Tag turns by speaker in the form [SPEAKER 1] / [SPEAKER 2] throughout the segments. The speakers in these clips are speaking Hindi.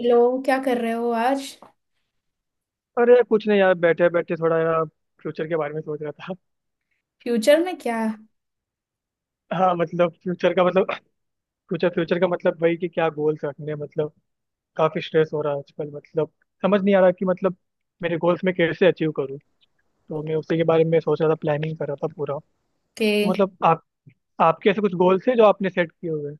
[SPEAKER 1] हेलो। क्या कर रहे हो आज?
[SPEAKER 2] अरे कुछ नहीं यार बैठे बैठे थोड़ा यार फ्यूचर के बारे में सोच रहा था।
[SPEAKER 1] फ्यूचर में क्या?
[SPEAKER 2] हाँ मतलब फ्यूचर का मतलब फ्यूचर फ्यूचर का मतलब वही कि क्या गोल्स रखने हैं, मतलब काफी स्ट्रेस हो रहा है आजकल। मतलब समझ नहीं आ रहा कि मतलब मेरे गोल्स में कैसे अचीव करूँ। तो मैं उसी के बारे में सोच रहा था, प्लानिंग कर रहा था पूरा।
[SPEAKER 1] के।
[SPEAKER 2] तो मतलब आप आपके ऐसे कुछ गोल्स हैं जो आपने सेट किए हुए हैं?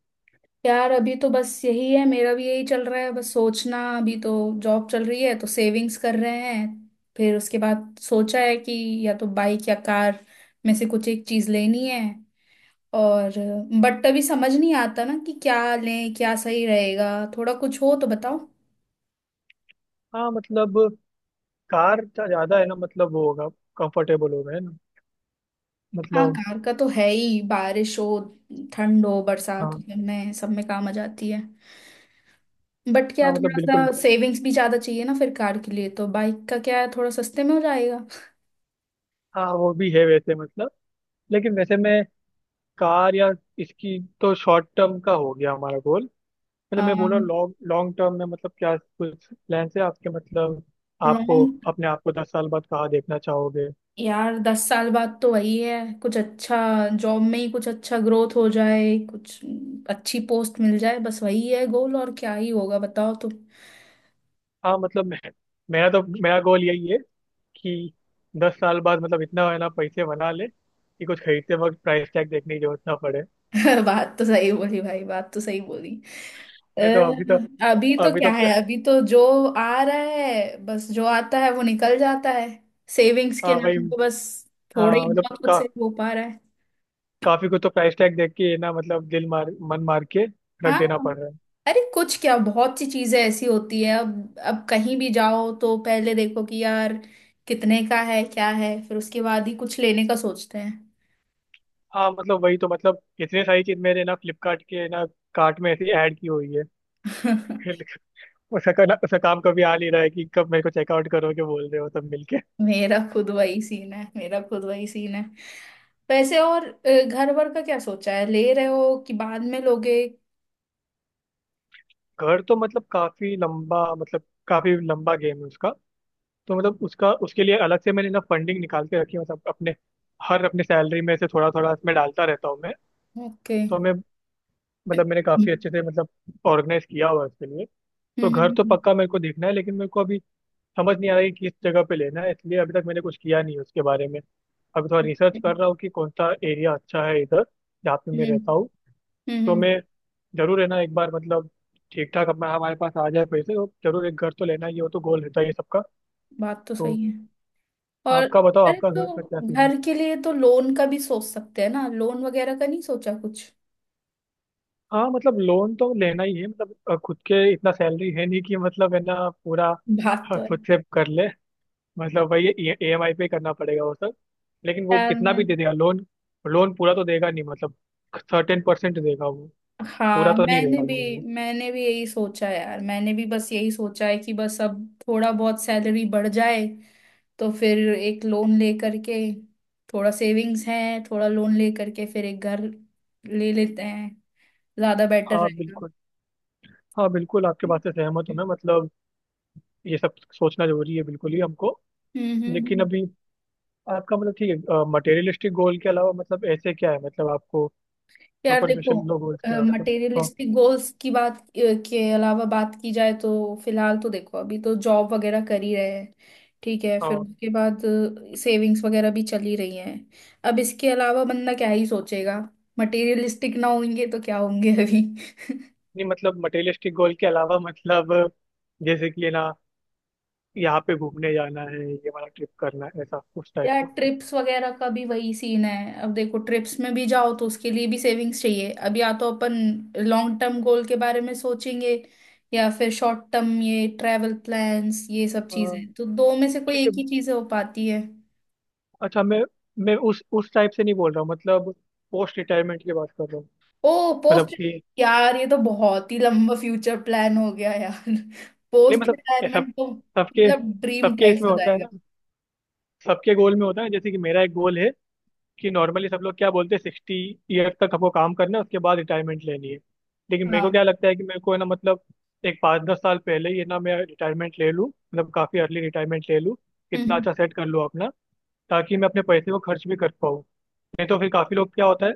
[SPEAKER 1] यार अभी तो बस यही है, मेरा भी यही चल रहा है बस। सोचना अभी तो जॉब चल रही है तो सेविंग्स कर रहे हैं। फिर उसके बाद सोचा है कि या तो बाइक या कार में से कुछ एक चीज लेनी है। और बट अभी समझ नहीं आता ना कि क्या लें, क्या सही रहेगा। थोड़ा कुछ हो तो बताओ।
[SPEAKER 2] हाँ मतलब कार का ज्यादा है ना, मतलब वो होगा कंफर्टेबल होगा है ना।
[SPEAKER 1] हाँ,
[SPEAKER 2] मतलब
[SPEAKER 1] कार का तो है ही। बारिश हो, ठंड हो, बरसात हो,
[SPEAKER 2] हाँ।
[SPEAKER 1] इनमें सब में काम आ जाती है। बट क्या
[SPEAKER 2] हाँ मतलब
[SPEAKER 1] थोड़ा
[SPEAKER 2] बिल्कुल।
[SPEAKER 1] सा सेविंग्स भी ज्यादा चाहिए ना फिर कार के लिए? तो बाइक का क्या है, थोड़ा सस्ते में हो जाएगा।
[SPEAKER 2] हाँ वो भी है वैसे मतलब। लेकिन वैसे मैं कार या इसकी तो शॉर्ट टर्म का हो गया हमारा गोल। मतलब मैं बोल रहा हूँ लॉन्ग लॉन्ग टर्म में मतलब क्या कुछ प्लान है आपके मतलब? आपको
[SPEAKER 1] लॉन्ग।
[SPEAKER 2] अपने आप को 10 साल बाद कहाँ देखना चाहोगे?
[SPEAKER 1] यार, 10 साल बाद तो वही है। कुछ अच्छा, जॉब में ही कुछ अच्छा ग्रोथ हो जाए, कुछ अच्छी पोस्ट मिल जाए, बस वही है गोल। और क्या ही होगा बताओ तो।
[SPEAKER 2] हाँ मतलब मैं, मेरा गोल यही है कि 10 साल बाद मतलब इतना है ना पैसे बना ले कि कुछ खरीदते वक्त प्राइस टैग देखने की जरूरत ना पड़े।
[SPEAKER 1] बात तो सही बोली भाई, बात तो सही बोली। अ,
[SPEAKER 2] नहीं तो अभी तो
[SPEAKER 1] अभी तो
[SPEAKER 2] अभी
[SPEAKER 1] क्या
[SPEAKER 2] तो
[SPEAKER 1] है, अभी तो जो आ रहा है, बस जो आता है वो निकल जाता है। सेविंग्स के
[SPEAKER 2] हाँ भाई।
[SPEAKER 1] नाम पे बस थोड़ा ही
[SPEAKER 2] हाँ मतलब
[SPEAKER 1] बहुत कुछ सेव हो पा रहा।
[SPEAKER 2] काफी कुछ तो प्राइस टैग देख के ना मतलब दिल मार मन मार के रख
[SPEAKER 1] हाँ।
[SPEAKER 2] देना पड़ रहा है।
[SPEAKER 1] अरे कुछ क्या, बहुत सी चीजें ऐसी होती है। अब कहीं भी जाओ तो पहले देखो कि यार कितने का है, क्या है, फिर उसके बाद ही कुछ लेने का सोचते हैं।
[SPEAKER 2] हाँ मतलब वही तो मतलब इतनी सारी चीज मेरे ना फ्लिपकार्ट के ना कार्ट में ऐसी ऐड की हुई है। उसका काम कभी आ नहीं रहा है कि कब मेरे को चेकआउट करोगे बोल रहे हो तब मिलके।
[SPEAKER 1] मेरा खुद वही सीन है, मेरा खुद वही सीन है। वैसे और घर वर का क्या सोचा है, ले रहे हो कि बाद में लोगे?
[SPEAKER 2] घर तो मतलब काफी लंबा गेम है उसका। तो मतलब उसका उसके लिए अलग से मैंने ना फंडिंग निकाल के रखी है मतलब अपने हर अपने सैलरी में से थोड़ा थोड़ा इसमें डालता रहता हूँ मैं।
[SPEAKER 1] ओके।
[SPEAKER 2] तो मैं मतलब मैंने
[SPEAKER 1] हम्म।
[SPEAKER 2] काफी अच्छे से मतलब ऑर्गेनाइज किया हुआ है उसके लिए। तो घर तो
[SPEAKER 1] हम्म।
[SPEAKER 2] पक्का मेरे को देखना है लेकिन मेरे को अभी समझ नहीं आ रहा है कि किस जगह पे लेना है, इसलिए अभी तक मैंने कुछ किया नहीं है उसके बारे में। अभी थोड़ा रिसर्च कर
[SPEAKER 1] हम्म।
[SPEAKER 2] रहा हूँ कि कौन सा एरिया अच्छा है इधर जहाँ पे मैं
[SPEAKER 1] हम्म।
[SPEAKER 2] रहता हूँ। तो
[SPEAKER 1] हम्म।
[SPEAKER 2] मैं जरूर है ना एक बार मतलब ठीक ठाक अपना हमारे पास आ जाए पैसे तो जरूर एक घर तो लेना ही है, वो तो गोल रहता है ये सबका।
[SPEAKER 1] बात तो
[SPEAKER 2] तो
[SPEAKER 1] सही है। और,
[SPEAKER 2] आपका बताओ
[SPEAKER 1] अरे
[SPEAKER 2] आपका घर का क्या
[SPEAKER 1] तो
[SPEAKER 2] सीन है?
[SPEAKER 1] घर के लिए तो लोन का भी सोच सकते हैं ना, लोन वगैरह का नहीं सोचा कुछ?
[SPEAKER 2] हाँ मतलब लोन तो लेना ही है मतलब खुद के इतना सैलरी है नहीं कि मतलब है ना पूरा
[SPEAKER 1] बात तो है।
[SPEAKER 2] खुद से कर ले। मतलब वही ई एम आई पे करना पड़ेगा वो सब। लेकिन वो
[SPEAKER 1] यार
[SPEAKER 2] कितना भी दे
[SPEAKER 1] मैंने।
[SPEAKER 2] देगा लोन, लोन पूरा तो देगा नहीं मतलब सर्टेन परसेंट देगा वो, पूरा
[SPEAKER 1] हाँ,
[SPEAKER 2] तो नहीं
[SPEAKER 1] मैंने
[SPEAKER 2] देगा
[SPEAKER 1] भी
[SPEAKER 2] लोन वो।
[SPEAKER 1] मैंने भी यही सोचा है, यार मैंने भी बस यही सोचा है कि बस अब थोड़ा बहुत सैलरी बढ़ जाए तो फिर एक लोन ले करके, थोड़ा सेविंग्स है, थोड़ा लोन ले करके, फिर एक घर ले लेते हैं। ज्यादा बेटर
[SPEAKER 2] हाँ
[SPEAKER 1] रहेगा।
[SPEAKER 2] बिल्कुल। हाँ बिल्कुल आपके बात से सहमत हूँ मैं मतलब ये सब सोचना जरूरी है बिल्कुल ही हमको।
[SPEAKER 1] हम्म। हम्म।
[SPEAKER 2] लेकिन
[SPEAKER 1] हम्म।
[SPEAKER 2] अभी आपका मतलब ठीक है मटेरियलिस्टिक गोल के अलावा मतलब ऐसे क्या है मतलब आपको
[SPEAKER 1] यार देखो,
[SPEAKER 2] सुपरफिशियल लो गोल्स क्या है आपका? हाँ
[SPEAKER 1] मटेरियलिस्टिक गोल्स की बात के अलावा बात की जाए तो फिलहाल तो देखो, अभी तो जॉब वगैरह कर ही रहे हैं, ठीक है। फिर
[SPEAKER 2] हाँ।
[SPEAKER 1] उसके बाद सेविंग्स वगैरह भी चल ही रही हैं। अब इसके अलावा बंदा क्या ही सोचेगा? मटेरियलिस्टिक ना होंगे तो क्या होंगे अभी।
[SPEAKER 2] नहीं मतलब मटेरियलिस्टिक गोल के अलावा मतलब जैसे कि ना यहाँ पे घूमने जाना है, ये वाला ट्रिप करना है, ऐसा उस टाइप
[SPEAKER 1] यार
[SPEAKER 2] का।
[SPEAKER 1] ट्रिप्स वगैरह का भी वही सीन है। अब देखो, ट्रिप्स में भी जाओ तो उसके लिए भी सेविंग्स चाहिए। अब या तो अपन लॉन्ग टर्म गोल के बारे में सोचेंगे या फिर शॉर्ट टर्म ये ट्रैवल प्लान्स। ये सब
[SPEAKER 2] अ,
[SPEAKER 1] चीजें तो दो में से कोई
[SPEAKER 2] ठीक है।
[SPEAKER 1] एक ही चीज हो पाती है।
[SPEAKER 2] अच्छा मैं उस टाइप से नहीं बोल रहा हूँ मतलब पोस्ट रिटायरमेंट की बात कर रहा हूँ।
[SPEAKER 1] ओ। पोस्ट।
[SPEAKER 2] मतलब कि
[SPEAKER 1] यार ये तो बहुत ही लंबा फ्यूचर प्लान हो गया यार।
[SPEAKER 2] नहीं
[SPEAKER 1] पोस्ट
[SPEAKER 2] मतलब ऐसा
[SPEAKER 1] रिटायरमेंट तो
[SPEAKER 2] सबके
[SPEAKER 1] मतलब ड्रीम
[SPEAKER 2] सबके
[SPEAKER 1] टाइप
[SPEAKER 2] इसमें
[SPEAKER 1] हो
[SPEAKER 2] होता है
[SPEAKER 1] जाएगा।
[SPEAKER 2] ना, सबके गोल में होता है। जैसे कि मेरा एक गोल है कि नॉर्मली सब लोग क्या बोलते हैं 60 ईयर तक हमको काम करना है उसके बाद रिटायरमेंट लेनी है। लेकिन मेरे को
[SPEAKER 1] हाँ।
[SPEAKER 2] क्या लगता है कि मेरे को है ना मतलब एक 5-10 साल पहले ही है ना मैं रिटायरमेंट ले लूँ मतलब काफ़ी अर्ली रिटायरमेंट ले लूँ कितना
[SPEAKER 1] हम्म
[SPEAKER 2] अच्छा सेट कर लूँ अपना ताकि मैं अपने पैसे को खर्च भी कर पाऊँ। नहीं तो फिर काफ़ी लोग क्या होता है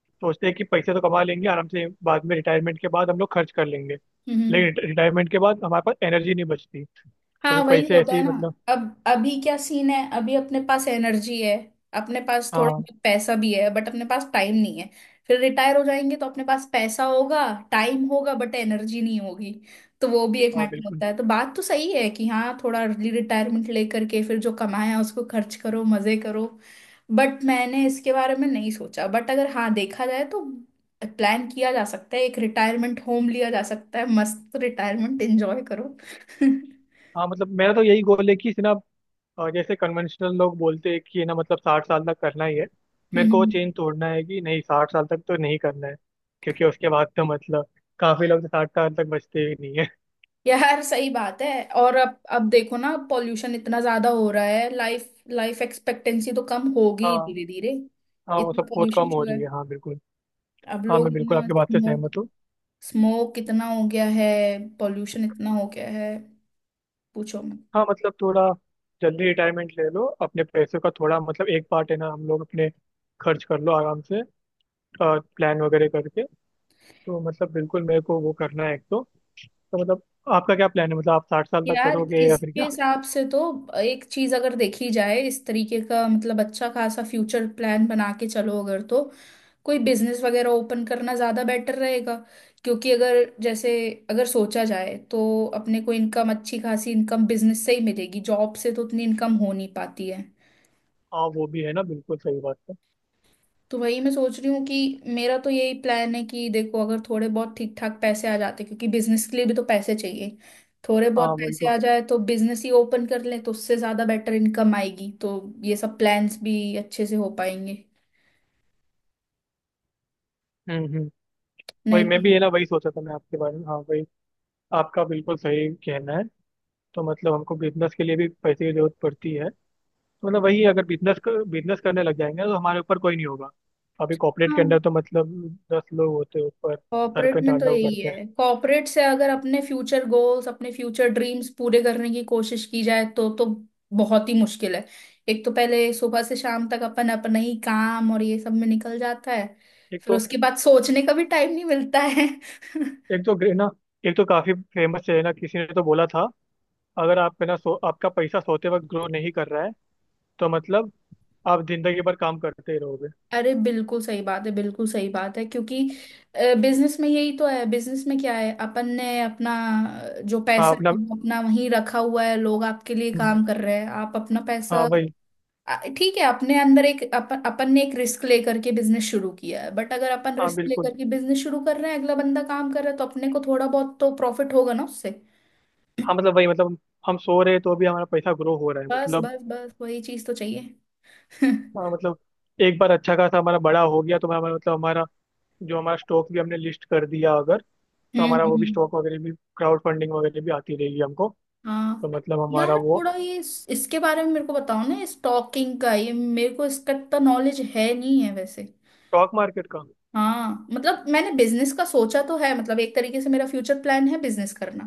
[SPEAKER 2] सोचते हैं कि पैसे तो कमा लेंगे आराम से बाद में रिटायरमेंट के बाद हम लोग खर्च कर लेंगे।
[SPEAKER 1] हम्म। हम्म।
[SPEAKER 2] लेकिन रिटायरमेंट के बाद हमारे पास एनर्जी नहीं बचती तो
[SPEAKER 1] हाँ
[SPEAKER 2] फिर
[SPEAKER 1] वही
[SPEAKER 2] पैसे
[SPEAKER 1] होता
[SPEAKER 2] ऐसे
[SPEAKER 1] है
[SPEAKER 2] ही
[SPEAKER 1] ना।
[SPEAKER 2] मतलब
[SPEAKER 1] अब अभी क्या सीन है, अभी अपने पास एनर्जी है, अपने पास थोड़ा
[SPEAKER 2] हाँ।
[SPEAKER 1] बहुत पैसा भी है, बट अपने पास टाइम नहीं है। फिर रिटायर हो जाएंगे तो अपने पास पैसा होगा, टाइम होगा, बट एनर्जी नहीं होगी। तो वो भी एक
[SPEAKER 2] हाँ
[SPEAKER 1] मैटर
[SPEAKER 2] बिल्कुल।
[SPEAKER 1] होता है। तो बात तो सही है कि हाँ, थोड़ा अर्ली रिटायरमेंट लेकर के फिर जो कमाया उसको खर्च करो, मजे करो। बट मैंने इसके बारे में नहीं सोचा, बट अगर हाँ देखा जाए तो प्लान किया जा सकता है। एक रिटायरमेंट होम लिया जा सकता है, मस्त रिटायरमेंट एंजॉय करो।
[SPEAKER 2] हाँ मतलब मेरा तो यही गोल है कि ना, और जैसे कन्वेंशनल लोग बोलते हैं कि ना मतलब 60 साल तक करना ही है। मेरे को वो
[SPEAKER 1] हम्म।
[SPEAKER 2] चेंज तोड़ना है कि नहीं 60 साल तक तो नहीं करना है क्योंकि उसके बाद तो मतलब काफी लोग तो 60 साल तक बचते ही नहीं है।
[SPEAKER 1] यार सही बात है। और अब देखो ना, पॉल्यूशन इतना ज्यादा हो रहा है। लाइफ लाइफ एक्सपेक्टेंसी तो कम होगी
[SPEAKER 2] हाँ।
[SPEAKER 1] धीरे धीरे।
[SPEAKER 2] हाँ वो
[SPEAKER 1] इतना
[SPEAKER 2] सब बहुत
[SPEAKER 1] पॉल्यूशन
[SPEAKER 2] कम हो
[SPEAKER 1] जो है,
[SPEAKER 2] रही है, हाँ बिल्कुल।
[SPEAKER 1] अब
[SPEAKER 2] हाँ
[SPEAKER 1] लोग
[SPEAKER 2] मैं बिल्कुल
[SPEAKER 1] इतना
[SPEAKER 2] आपकी बात से
[SPEAKER 1] स्मोक,
[SPEAKER 2] सहमत हूँ।
[SPEAKER 1] स्मोक इतना हो गया है, पॉल्यूशन इतना हो गया है, पूछो।
[SPEAKER 2] हाँ मतलब थोड़ा जल्दी रिटायरमेंट ले लो अपने पैसों का थोड़ा मतलब एक पार्ट है ना हम लोग अपने खर्च कर लो आराम से प्लान वगैरह करके। तो मतलब बिल्कुल मेरे को वो करना है एक तो मतलब आपका क्या प्लान है मतलब आप 60 साल तक
[SPEAKER 1] यार
[SPEAKER 2] करोगे या फिर
[SPEAKER 1] इसके
[SPEAKER 2] क्या?
[SPEAKER 1] हिसाब से तो एक चीज अगर देखी जाए इस तरीके का, मतलब अच्छा खासा फ्यूचर प्लान बना के चलो अगर, तो कोई बिजनेस वगैरह ओपन करना ज्यादा बेटर रहेगा। क्योंकि अगर जैसे, अगर सोचा जाए तो अपने को इनकम, अच्छी खासी इनकम बिजनेस से ही मिलेगी, जॉब से तो उतनी इनकम हो नहीं पाती है।
[SPEAKER 2] हाँ वो भी है ना, बिल्कुल सही बात है।
[SPEAKER 1] तो वही मैं सोच रही हूँ कि मेरा तो यही प्लान है कि देखो अगर थोड़े बहुत ठीक ठाक पैसे आ जाते, क्योंकि बिजनेस के लिए भी तो पैसे चाहिए, थोड़े बहुत
[SPEAKER 2] हाँ वही
[SPEAKER 1] पैसे
[SPEAKER 2] तो।
[SPEAKER 1] आ जाए तो बिजनेस ही ओपन कर ले तो उससे ज्यादा बेटर इनकम आएगी। तो ये सब प्लान्स भी अच्छे से हो पाएंगे।
[SPEAKER 2] हम्म। वही
[SPEAKER 1] नहीं
[SPEAKER 2] मैं
[SPEAKER 1] तो
[SPEAKER 2] भी है
[SPEAKER 1] फिर-।
[SPEAKER 2] ना वही सोचा था मैं आपके बारे में हाँ वही आपका बिल्कुल सही कहना है। तो मतलब हमको बिजनेस के लिए भी पैसे की जरूरत पड़ती है तो मतलब वही अगर बिजनेस बिजनेस करने लग जाएंगे ना, तो हमारे ऊपर कोई नहीं होगा। अभी कॉर्पोरेट के
[SPEAKER 1] हाँ।
[SPEAKER 2] अंदर तो मतलब 10 लोग होते हैं ऊपर सर
[SPEAKER 1] कॉर्पोरेट
[SPEAKER 2] पे
[SPEAKER 1] में तो
[SPEAKER 2] डांडा
[SPEAKER 1] यही
[SPEAKER 2] करते हैं।
[SPEAKER 1] है। कॉर्पोरेट से अगर अपने फ्यूचर गोल्स, अपने फ्यूचर ड्रीम्स पूरे करने की कोशिश की जाए तो बहुत ही मुश्किल है। एक तो पहले सुबह से शाम तक अपन अपना ही काम और ये सब में निकल जाता है,
[SPEAKER 2] एक
[SPEAKER 1] फिर
[SPEAKER 2] तो
[SPEAKER 1] उसके बाद सोचने का भी टाइम नहीं मिलता है।
[SPEAKER 2] एक तो ना एक तो काफी फेमस है ना किसी ने तो बोला था अगर आप है ना सो, आपका पैसा सोते वक्त ग्रो नहीं कर रहा है तो मतलब आप जिंदगी भर काम करते ही रहोगे।
[SPEAKER 1] अरे बिल्कुल सही बात है, बिल्कुल सही बात है क्योंकि बिजनेस में यही तो है। बिजनेस में क्या है, अपन ने अपना जो
[SPEAKER 2] हाँ
[SPEAKER 1] पैसा
[SPEAKER 2] अपना।
[SPEAKER 1] है वो अपना वहीं रखा हुआ है, लोग आपके लिए काम कर रहे हैं, आप अपना
[SPEAKER 2] हाँ
[SPEAKER 1] पैसा।
[SPEAKER 2] भाई।
[SPEAKER 1] आ, ठीक है, अपने अंदर एक अपन अपन ने एक रिस्क लेकर के बिजनेस शुरू किया है। बट अगर अपन
[SPEAKER 2] हाँ
[SPEAKER 1] रिस्क
[SPEAKER 2] बिल्कुल।
[SPEAKER 1] लेकर के बिजनेस शुरू कर रहे हैं, अगला बंदा काम कर रहा है तो अपने को थोड़ा बहुत तो प्रॉफिट होगा ना उससे।
[SPEAKER 2] हाँ मतलब वही मतलब हम सो रहे हैं तो भी हमारा पैसा ग्रो हो रहा है
[SPEAKER 1] बस
[SPEAKER 2] मतलब।
[SPEAKER 1] बस बस वही चीज तो चाहिए। हम्म।
[SPEAKER 2] हाँ मतलब एक बार अच्छा खासा हमारा बड़ा हो गया तो हमारा मतलब हमारा जो हमारा स्टॉक भी हमने लिस्ट कर दिया अगर तो हमारा वो भी
[SPEAKER 1] हम्म,
[SPEAKER 2] स्टॉक वगैरह भी क्राउड फंडिंग वगैरह भी आती रहेगी हमको।
[SPEAKER 1] हाँ।
[SPEAKER 2] तो मतलब हमारा
[SPEAKER 1] यार
[SPEAKER 2] वो
[SPEAKER 1] थोड़ा ये इसके बारे में मेरे को बताओ ना, स्टॉकिंग का ये मेरे को इसका तो नॉलेज है नहीं है वैसे।
[SPEAKER 2] स्टॉक मार्केट का
[SPEAKER 1] हाँ मतलब मैंने बिजनेस का सोचा तो है, मतलब एक तरीके से मेरा फ्यूचर प्लान है बिजनेस करना।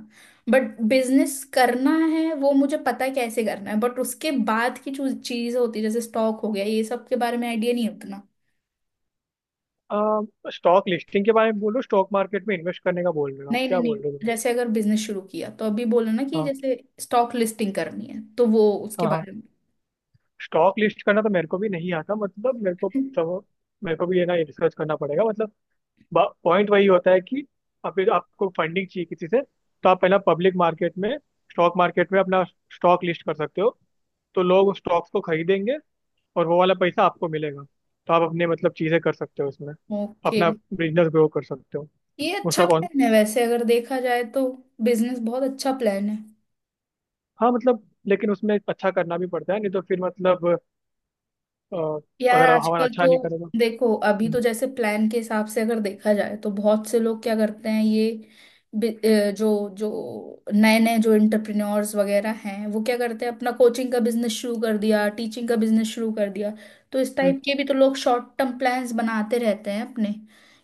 [SPEAKER 1] बट बिजनेस करना है वो मुझे पता है कैसे करना है, बट उसके बाद की जो चीज होती है जैसे स्टॉक हो गया, ये सब के बारे में आइडिया नहीं है उतना।
[SPEAKER 2] स्टॉक लिस्टिंग के बारे में बोलो, स्टॉक मार्केट में इन्वेस्ट करने का बोल रहे हो आप
[SPEAKER 1] नहीं नहीं
[SPEAKER 2] क्या
[SPEAKER 1] नहीं,
[SPEAKER 2] बोल रहे हो तुम?
[SPEAKER 1] जैसे अगर बिजनेस शुरू किया तो अभी बोला ना कि
[SPEAKER 2] हाँ
[SPEAKER 1] जैसे स्टॉक लिस्टिंग करनी है, तो वो उसके
[SPEAKER 2] हाँ हाँ।
[SPEAKER 1] बारे में।
[SPEAKER 2] स्टॉक लिस्ट करना तो मेरे को भी नहीं आता मतलब मेरे को। तो मेरे को भी ये ना रिसर्च करना पड़ेगा मतलब पॉइंट वही होता है कि आप आपको फंडिंग चाहिए किसी से, तो आप पहला पब्लिक मार्केट में स्टॉक मार्केट में अपना स्टॉक लिस्ट कर सकते हो। तो लोग स्टॉक्स को खरीदेंगे और वो वाला पैसा आपको मिलेगा तो आप अपने मतलब चीज़ें कर सकते हो उसमें,
[SPEAKER 1] ओके।
[SPEAKER 2] अपना बिजनेस ग्रो कर सकते हो।
[SPEAKER 1] ये
[SPEAKER 2] उसका
[SPEAKER 1] अच्छा
[SPEAKER 2] कौन।
[SPEAKER 1] प्लान है वैसे अगर देखा जाए तो, बिजनेस बहुत अच्छा प्लान है।
[SPEAKER 2] हाँ मतलब लेकिन उसमें अच्छा करना भी पड़ता है, नहीं तो फिर मतलब अ,
[SPEAKER 1] यार
[SPEAKER 2] अगर हमारा
[SPEAKER 1] आजकल
[SPEAKER 2] अच्छा
[SPEAKER 1] तो
[SPEAKER 2] नहीं करेगा।
[SPEAKER 1] देखो, अभी तो
[SPEAKER 2] हम्म,
[SPEAKER 1] जैसे प्लान के हिसाब से अगर देखा जाए तो बहुत से लोग क्या करते हैं ये, जो जो नए नए जो एंटरप्रेन्योर्स वगैरह हैं वो क्या करते हैं, अपना कोचिंग का बिजनेस शुरू कर दिया, टीचिंग का बिजनेस शुरू कर दिया। तो इस
[SPEAKER 2] हम्म,
[SPEAKER 1] टाइप के भी तो लोग शॉर्ट टर्म प्लान्स बनाते रहते हैं अपने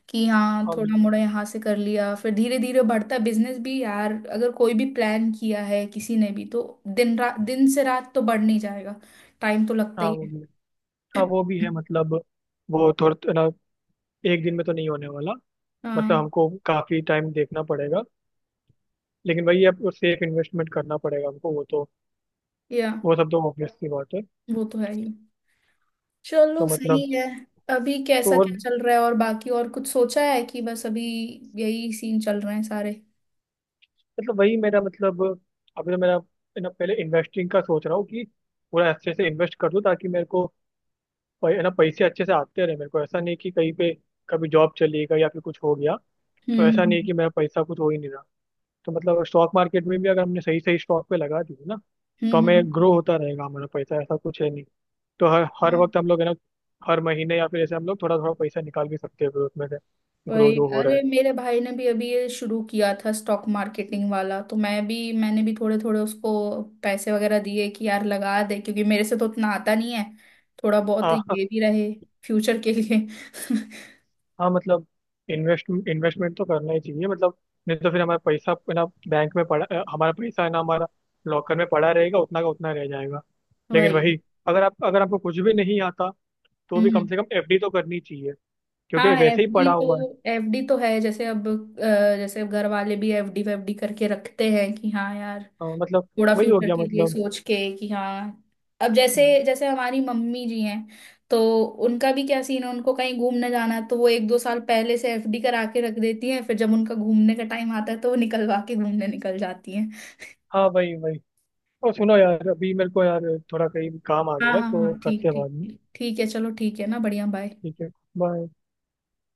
[SPEAKER 1] कि हाँ,
[SPEAKER 2] हाँ
[SPEAKER 1] थोड़ा
[SPEAKER 2] बिल्कुल।
[SPEAKER 1] मोड़ा यहाँ से कर लिया फिर धीरे धीरे बढ़ता बिजनेस। भी यार अगर कोई भी प्लान किया है किसी ने भी तो दिन रात, दिन से रात तो बढ़ नहीं जाएगा। टाइम तो लगता
[SPEAKER 2] हाँ
[SPEAKER 1] ही
[SPEAKER 2] वो
[SPEAKER 1] है।
[SPEAKER 2] भी है। हाँ वो भी है मतलब वो थोड़ा ना एक दिन में तो नहीं होने वाला
[SPEAKER 1] हाँ।
[SPEAKER 2] मतलब हमको काफी टाइम देखना पड़ेगा। लेकिन भाई अब सेफ इन्वेस्टमेंट करना पड़ेगा हमको, वो तो
[SPEAKER 1] या
[SPEAKER 2] वो सब तो ऑब्वियस सी बात है।
[SPEAKER 1] वो तो है ही।
[SPEAKER 2] तो
[SPEAKER 1] चलो सही
[SPEAKER 2] मतलब
[SPEAKER 1] है। अभी
[SPEAKER 2] तो
[SPEAKER 1] कैसा
[SPEAKER 2] और
[SPEAKER 1] क्या चल रहा है और बाकी और कुछ सोचा है कि बस अभी यही सीन चल रहे हैं सारे?
[SPEAKER 2] मतलब वही मेरा मतलब अभी तो मेरा है ना पहले इन्वेस्टिंग का सोच रहा हूँ कि पूरा अच्छे से इन्वेस्ट कर दूँ ताकि मेरे को है ना पैसे अच्छे से आते रहे, मेरे को ऐसा नहीं कि कहीं पे कभी जॉब चली गई या फिर कुछ हो गया तो ऐसा
[SPEAKER 1] हम्म।
[SPEAKER 2] नहीं कि मेरा पैसा कुछ हो ही नहीं रहा। तो मतलब स्टॉक मार्केट में भी अगर हमने सही सही स्टॉक पे लगा दिए ना तो
[SPEAKER 1] हम्म।
[SPEAKER 2] हमें
[SPEAKER 1] हम्म।
[SPEAKER 2] ग्रो होता रहेगा हमारा पैसा, ऐसा कुछ है नहीं। तो हर हर
[SPEAKER 1] हाँ
[SPEAKER 2] वक्त हम लोग है ना हर महीने या फिर ऐसे हम लोग थोड़ा थोड़ा पैसा निकाल भी सकते हैं ग्रोथ में से, ग्रो
[SPEAKER 1] वही।
[SPEAKER 2] जो हो रहा है।
[SPEAKER 1] अरे मेरे भाई ने भी अभी ये शुरू किया था स्टॉक मार्केटिंग वाला, तो मैं भी, मैंने भी थोड़े थोड़े उसको पैसे वगैरह दिए कि यार लगा दे, क्योंकि मेरे से तो उतना आता नहीं है। थोड़ा बहुत
[SPEAKER 2] हाँ, हाँ
[SPEAKER 1] ये भी रहे फ्यूचर के लिए।
[SPEAKER 2] हाँ, मतलब इन्वेस्टमेंट तो करना ही चाहिए मतलब नहीं तो फिर हमारा पैसा है ना बैंक में पड़ा हमारा पैसा है ना हमारा लॉकर में पड़ा रहेगा उतना का उतना रह जाएगा। लेकिन
[SPEAKER 1] वही।
[SPEAKER 2] वही अगर आप अगर आपको कुछ भी नहीं आता तो
[SPEAKER 1] हम्म।
[SPEAKER 2] भी कम
[SPEAKER 1] हम्म।
[SPEAKER 2] से कम एफडी तो करनी चाहिए क्योंकि
[SPEAKER 1] हाँ
[SPEAKER 2] वैसे ही पड़ा
[SPEAKER 1] एफडी तो
[SPEAKER 2] हुआ है।
[SPEAKER 1] एफडी तो है। जैसे अब जैसे अब घर वाले भी एफडी वेफडी करके रखते हैं कि हाँ यार,
[SPEAKER 2] मतलब
[SPEAKER 1] थोड़ा
[SPEAKER 2] वही हो
[SPEAKER 1] फ्यूचर
[SPEAKER 2] गया
[SPEAKER 1] के लिए
[SPEAKER 2] मतलब
[SPEAKER 1] सोच के कि हाँ, अब
[SPEAKER 2] हम्म।
[SPEAKER 1] जैसे जैसे हमारी मम्मी जी हैं, तो उनका भी क्या सीन है, उनको कहीं घूमने जाना है तो वो एक दो साल पहले से एफडी करा के रख देती हैं, फिर जब उनका घूमने का टाइम आता है तो वो निकलवा के घूमने निकल जाती हैं।
[SPEAKER 2] हाँ वही वही। और सुनो यार अभी मेरे को यार थोड़ा कहीं काम आ
[SPEAKER 1] हाँ
[SPEAKER 2] गया है
[SPEAKER 1] हाँ
[SPEAKER 2] तो
[SPEAKER 1] हाँ, ठीक
[SPEAKER 2] करते हैं
[SPEAKER 1] ठीक
[SPEAKER 2] बाद में।
[SPEAKER 1] ठीक, ठीक है। चलो ठीक है ना। बढ़िया, बाय।
[SPEAKER 2] ठीक है। बाय।